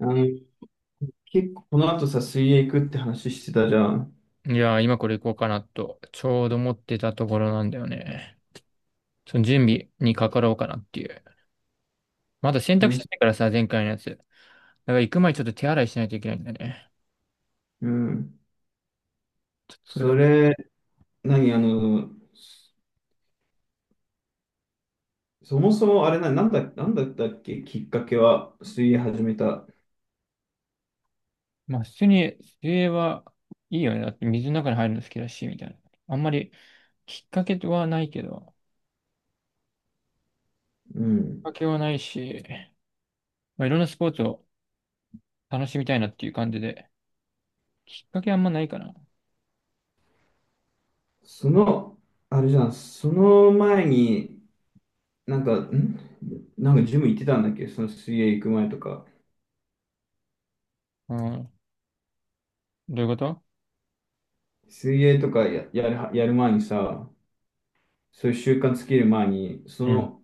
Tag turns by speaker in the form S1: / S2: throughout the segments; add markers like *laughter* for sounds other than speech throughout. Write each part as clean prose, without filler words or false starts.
S1: あの、結構この後さ、水泳行くって話してたじゃん。
S2: いやー、今これ行こうかなと、ちょうど思ってたところなんだよね。その準備にかかろうかなっていう。まだ洗
S1: う
S2: 濯
S1: ん。
S2: してないからさ、前回のやつ。だから行く前にちょっと手洗いしないといけないんだよね。
S1: うん。
S2: ちょっとそれが、
S1: それ、何、あの、そそもそもあれな、なんだったっけ、きっかけは、水泳始めた。
S2: まあ普通に水泳はいいよね。だって水の中に入るの好きだし、みたいな。あんまりきっかけはないけど、
S1: う
S2: きっ
S1: ん。
S2: かけはないし、まあいろんなスポーツを楽しみたいなっていう感じで、きっかけあんまないかな。
S1: その、あれじゃん、その前に、なんか、んなんかジム行ってたんだっけ、その水泳行く前とか。
S2: うん。どういうこと？
S1: 水泳とかやるは、やる前にさ、そういう習慣つける前に、そ
S2: うん。
S1: の、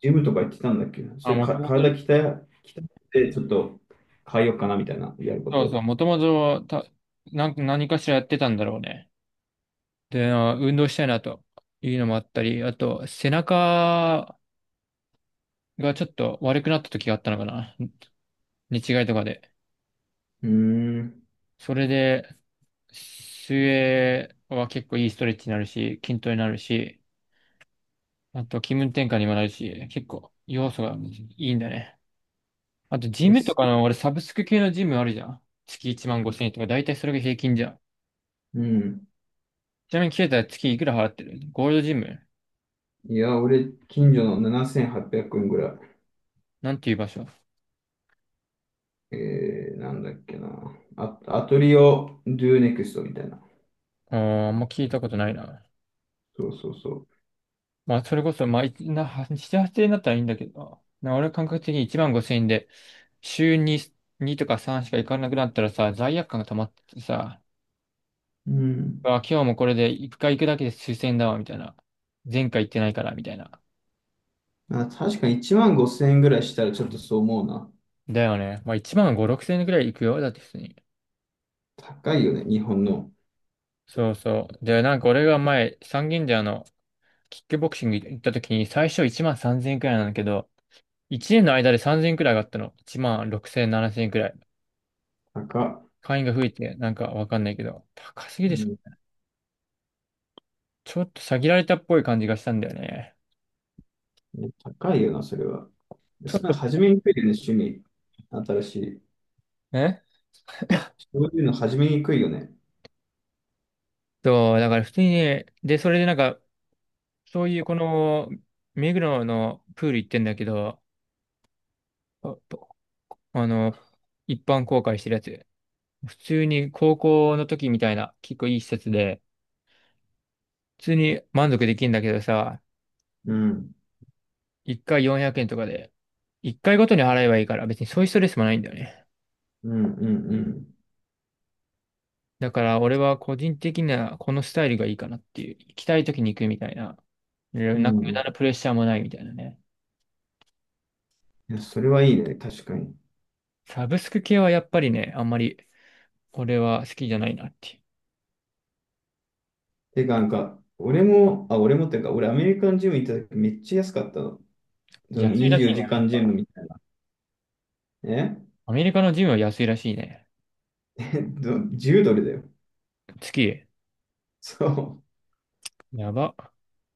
S1: ジムとか行ってたんだっけな。そ
S2: あ、
S1: れ
S2: もと
S1: か、
S2: もと
S1: 体鍛え、鍛えて、ちょっと変えようかなみたいな、やるこ
S2: そうそう、
S1: と。
S2: もともとた、何かしらやってたんだろうね。で、運動したいなというのもあったり、あと、背中がちょっと悪くなった時があったのかな。寝違いとかで。
S1: うーん。
S2: それで、水泳は結構いいストレッチになるし、筋トレになるし、あと気分転換にもなるし、結構要素がいいんだね。あと、ジ
S1: で
S2: ムと
S1: す。
S2: かの、俺サブスク系のジムあるじゃん。月1万5千円とか、だいたいそれが平均じゃん。
S1: うん。
S2: ちなみに、ケイタは月いくら払ってる？ゴールドジム、
S1: いや、俺、近所の7800円ぐらい。
S2: なんていう場所？
S1: なんだっけな。あ、アトリオ・ドゥ・ネクストみたいな。
S2: ああ、もう聞いたことないな。
S1: そうそうそう。
S2: まあ、それこそ、まあ、は7、8円だったらいいんだけどな。俺感覚的に1万5千円で、週に2とか3しか行かなくなったらさ、罪悪感が溜まってさ、
S1: うん。
S2: あ、今日もこれで1回行くだけで数千円だわ、みたいな。前回行ってないから、みたいな。
S1: あ、確かに1万5000円ぐらいしたらちょっとそう思うな。
S2: だよね。まあ、1万5、6千円くらい行くよ。だって普通に。
S1: 高いよね、日本の。
S2: そうそう。で、なんか俺が前、三軒茶屋のキックボクシング行った時に、最初1万3千円くらいなんだけど、1年の間で3千円くらい上がったの。1万6千、7千円くらい。
S1: 高。
S2: 会員が増えて、なんかわかんないけど、高すぎ
S1: う
S2: でしょ。
S1: ん、
S2: ちょっと詐欺られたっぽい感じがしたんだよね。
S1: 高いよな、それは。
S2: ちょっ
S1: それ
S2: と、
S1: 初めにくいよね、趣味。新しい。
S2: え
S1: そういうの始めにくいよね。
S2: そう、だから普通にね、で、それでなんか、そういうこの、目黒のプール行ってんだけど、あとあの、一般公開してるやつ。普通に高校の時みたいな、結構いい施設で、普通に満足できるんだけどさ、
S1: うん。
S2: 一回400円とかで、一回ごとに払えばいいから、別にそういうストレスもないんだよね。
S1: うん、うん、
S2: だから俺は個人的にはこのスタイルがいいかなっていう。行きたい時に行くみたいな。
S1: う
S2: なん
S1: ん。う
S2: か無
S1: ん。
S2: 駄な
S1: い
S2: プレッシャーもないみたいなね。
S1: や、それはいいね。確かに。
S2: サブスク系はやっぱりね、あんまり俺は好きじゃないなっていう。
S1: てか、なんか、俺も、俺もっていうか、俺アメリカンジム行った時めっちゃ安かったの。その
S2: 安いら
S1: 24
S2: しいね、
S1: 時
S2: アメリ
S1: 間ジ
S2: カ。
S1: ムみたいな。え
S2: アメリカのジムは安いらしいね。
S1: 10 *laughs* ドルだよ。
S2: 月、
S1: そ
S2: やば。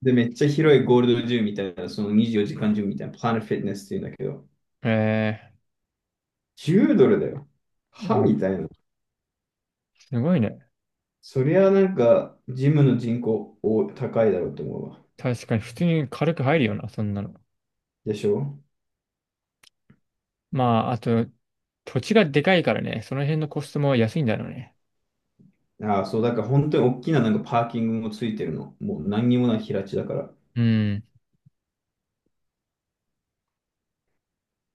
S1: う。で、めっちゃ広いゴールドジムみたいな、その24時間ジムみたいな、プラネットフィットネスっていうんだけど、
S2: え
S1: 10ドルだよ。は
S2: いや
S1: みたいな。
S2: すごいね。
S1: そりゃなんか、ジムの人口お高いだろうと思うわ。
S2: 確かに普通に軽く入るよな、そんなの。
S1: でしょ。
S2: まあ、あと、土地がでかいからね、その辺のコストも安いんだろうね。
S1: ああ、そう、だから本当に大きななんかパーキングもついてるの。もう何にもない平地だから。
S2: うん、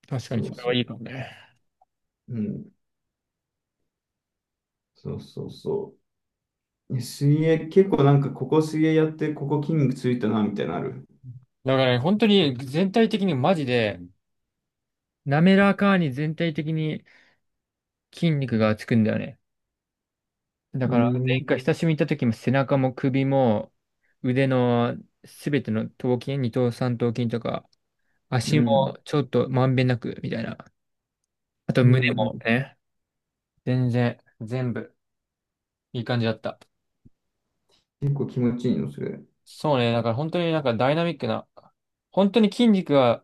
S2: 確かに
S1: そう
S2: それ
S1: そ
S2: は
S1: う。
S2: いいかもね。
S1: うん。そうそうそう。水泳、結構なんかここ水泳やって、ここ筋肉ついたな、みたいなのある。
S2: だからね、本当に全体的にマジで、滑らかに全体的に筋肉がつくんだよね。だ
S1: う
S2: から前
S1: ん。
S2: 回久しぶりに行った時も背中も首も腕のすべての頭筋、二頭三頭筋とか
S1: う
S2: 足
S1: ん。
S2: もちょっとまんべんなくみたいな。あと
S1: う
S2: 胸
S1: ん。う
S2: も
S1: ん。
S2: ね、全然全部いい感じだった。
S1: 結構気持ちいいの、それ。
S2: そうね、だから本当になんかダイナミックな、本当に筋肉が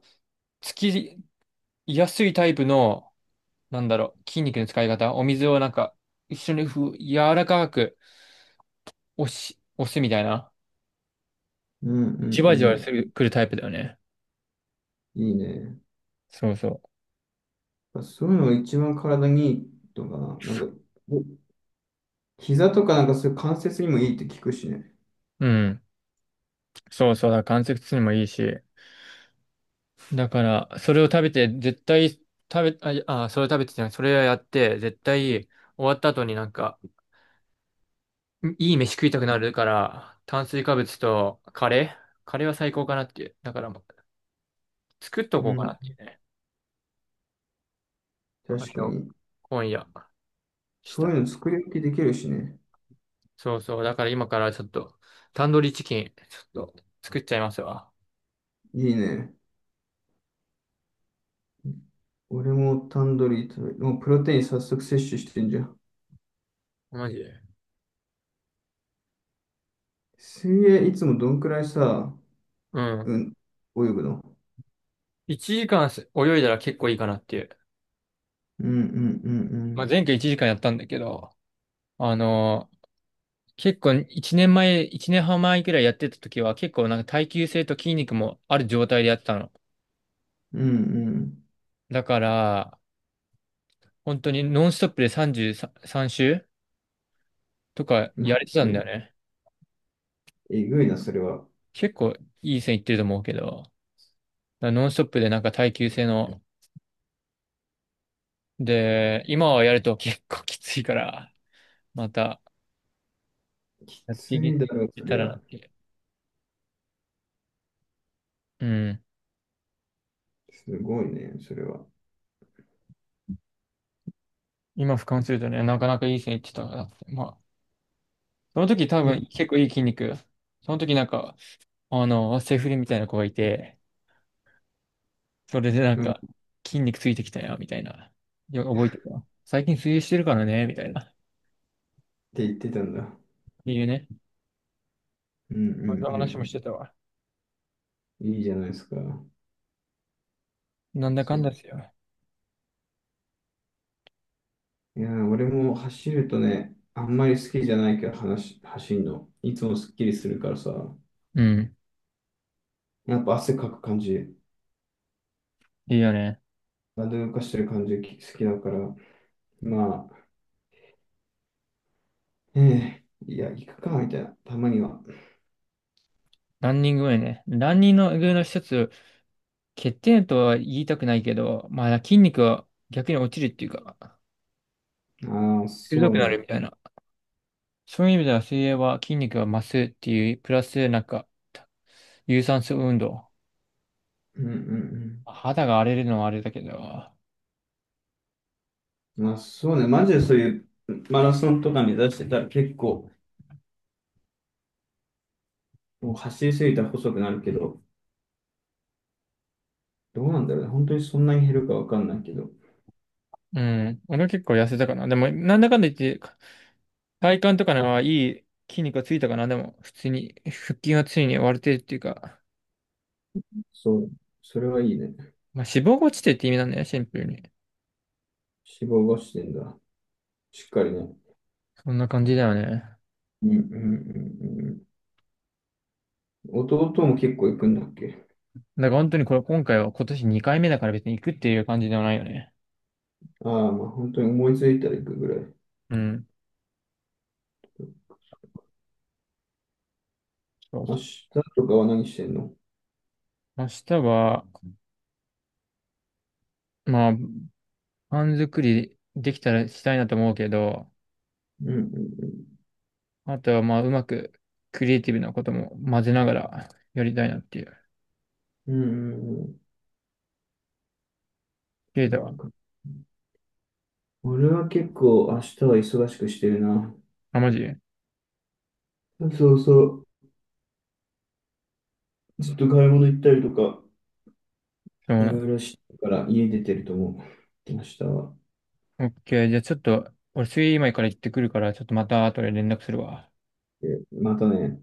S2: つきやすいタイプの、なんだろう、筋肉の使い方、お水をなんか一緒に柔らかく押すみたいな。
S1: うんうん
S2: じわじ
S1: う
S2: わす
S1: ん。
S2: る、来るタイプだよね。
S1: いいね。やっ
S2: そうそ
S1: ぱそういうのが一番体にいいとかな。なんか、お膝とかなんかそういう関節にもいいって聞くしね。
S2: う。うん。そうそうだ。関節痛にもいいし。だから、それを食べて、絶対、食べ、あ、あ、それを食べてじゃないそれをやって、絶対、終わった後になんか、いい飯食いたくなるから、炭水化物とカレーカレーは最高かなっていう。だからもう、作っと
S1: う
S2: こうかな
S1: ん。
S2: っていうね。カ
S1: 確
S2: レ
S1: か
S2: ーを、
S1: に。
S2: 今夜、し
S1: そ
S2: た
S1: う
S2: い。
S1: いうの作り置きできるしね。
S2: そうそう。だから今からちょっと、タンドリーチキン、ちょっと、作っちゃいますわ。
S1: いいね。俺もタンドリー食べ、もうプロテイン早速摂取してんじゃん。
S2: マジで。
S1: 水泳いつもどんくらいさ、
S2: うん。
S1: うん、泳ぐの。
S2: 1時間泳いだら結構いいかなっていう。
S1: うんうんう
S2: まあ、
S1: ん
S2: 前回1時間やったんだけど、あのー結構1年前、1年半前くらいやってた時は結構なんか耐久性と筋肉もある状態でやってたの。
S1: うん。うん
S2: だから、本当にノンストップで33周とか
S1: うん。マ
S2: やれてた
S1: ジ
S2: んだ
S1: で、
S2: よね。
S1: えぐいな、それは。
S2: 結構いい線いってると思うけど、だからノンストップでなんか耐久性の、で、今はやると結構きついから、また
S1: き
S2: やって
S1: つ
S2: い
S1: いだろ、そ
S2: けた
S1: り
S2: らな
S1: ゃ。
S2: っていう。うん。
S1: すごいね、それは。
S2: 今俯瞰するとね、なかなかいい線いってたなって。まあ、その時多
S1: い
S2: 分結構いい筋肉。その時なんか、セフレみたいな子がいて、それでなん
S1: うん
S2: か、
S1: っ
S2: 筋肉ついてきたよ、みたいな。覚えてた。最近水泳してるからね、みたいな。
S1: て言ってたんだ。
S2: いいね。
S1: うんうん
S2: そんな話
S1: う
S2: もしてた
S1: ん
S2: わ。
S1: うん。いいじゃないですか。
S2: なんだか
S1: そ
S2: ん
S1: う。
S2: だですよ。
S1: いやー、俺も走るとね、あんまり好きじゃないけど、話、走るの。いつもすっきりするからさ、
S2: うん。
S1: やっぱ汗かく感じ。
S2: いいよね。
S1: バンド動かしてる感じ好きだから、まあ、ええいや、行くか、みたいな、たまには。
S2: ランニング上ね。ランニング上の一つ、欠点とは言いたくないけど、まあ筋肉は逆に落ちるっていうか、
S1: ああ、そ
S2: 鋭
S1: う
S2: くなる
S1: ね。
S2: みたいな。そういう意味では水泳は筋肉が増すっていう、プラスなんか、有酸素運動。
S1: うんうん
S2: 肌が荒れるのはあれだけど。
S1: うん。まあ、そうね。マジでそういうマラソンとか目指してたら結構、もう走りすぎたら細くなるけど、どうなんだろうね。本当にそんなに減るかわかんないけど。
S2: うん。俺は結構痩せたかな。でも、なんだかんだ言って、体幹とかのはいい筋肉がついたかな。でも、普通に、腹筋はついに割れてるっていうか、
S1: そう。それはいいね。
S2: まあ、脂肪が落ちてって意味なんだよね、シンプルに。
S1: 脂肪がしてんだ。しっかりね。
S2: そんな感じだよね。
S1: うんうんうんうん。弟も結構行くんだっけ。
S2: だから本当にこれ、今回は今年2回目だから別に行くっていう感じではないよね。
S1: ああ、まあ本当に思いついたら行くぐらい。
S2: うん。そう
S1: 明
S2: そ
S1: 日とかは何してんの。
S2: う。明日は、まあ、パン作りできたらしたいなと思うけど、
S1: うんうんうん。
S2: あとは、まあ、うまくクリエイティブなことも混ぜながらやりたいなっていう。
S1: うんうん
S2: ケイ
S1: うん。
S2: タ
S1: う
S2: は？
S1: ん。俺は結構明日は忙しくしてるな。
S2: あ、マジ
S1: そうそう。ずっと買い物行ったりとか、
S2: そう
S1: い
S2: な
S1: ろ
S2: の。
S1: いろしてるから家出てると思う。明日は。
S2: オッケー。じゃあちょっと、俺、水泳今から行ってくるから、ちょっとまた後で連絡するわ。
S1: またね。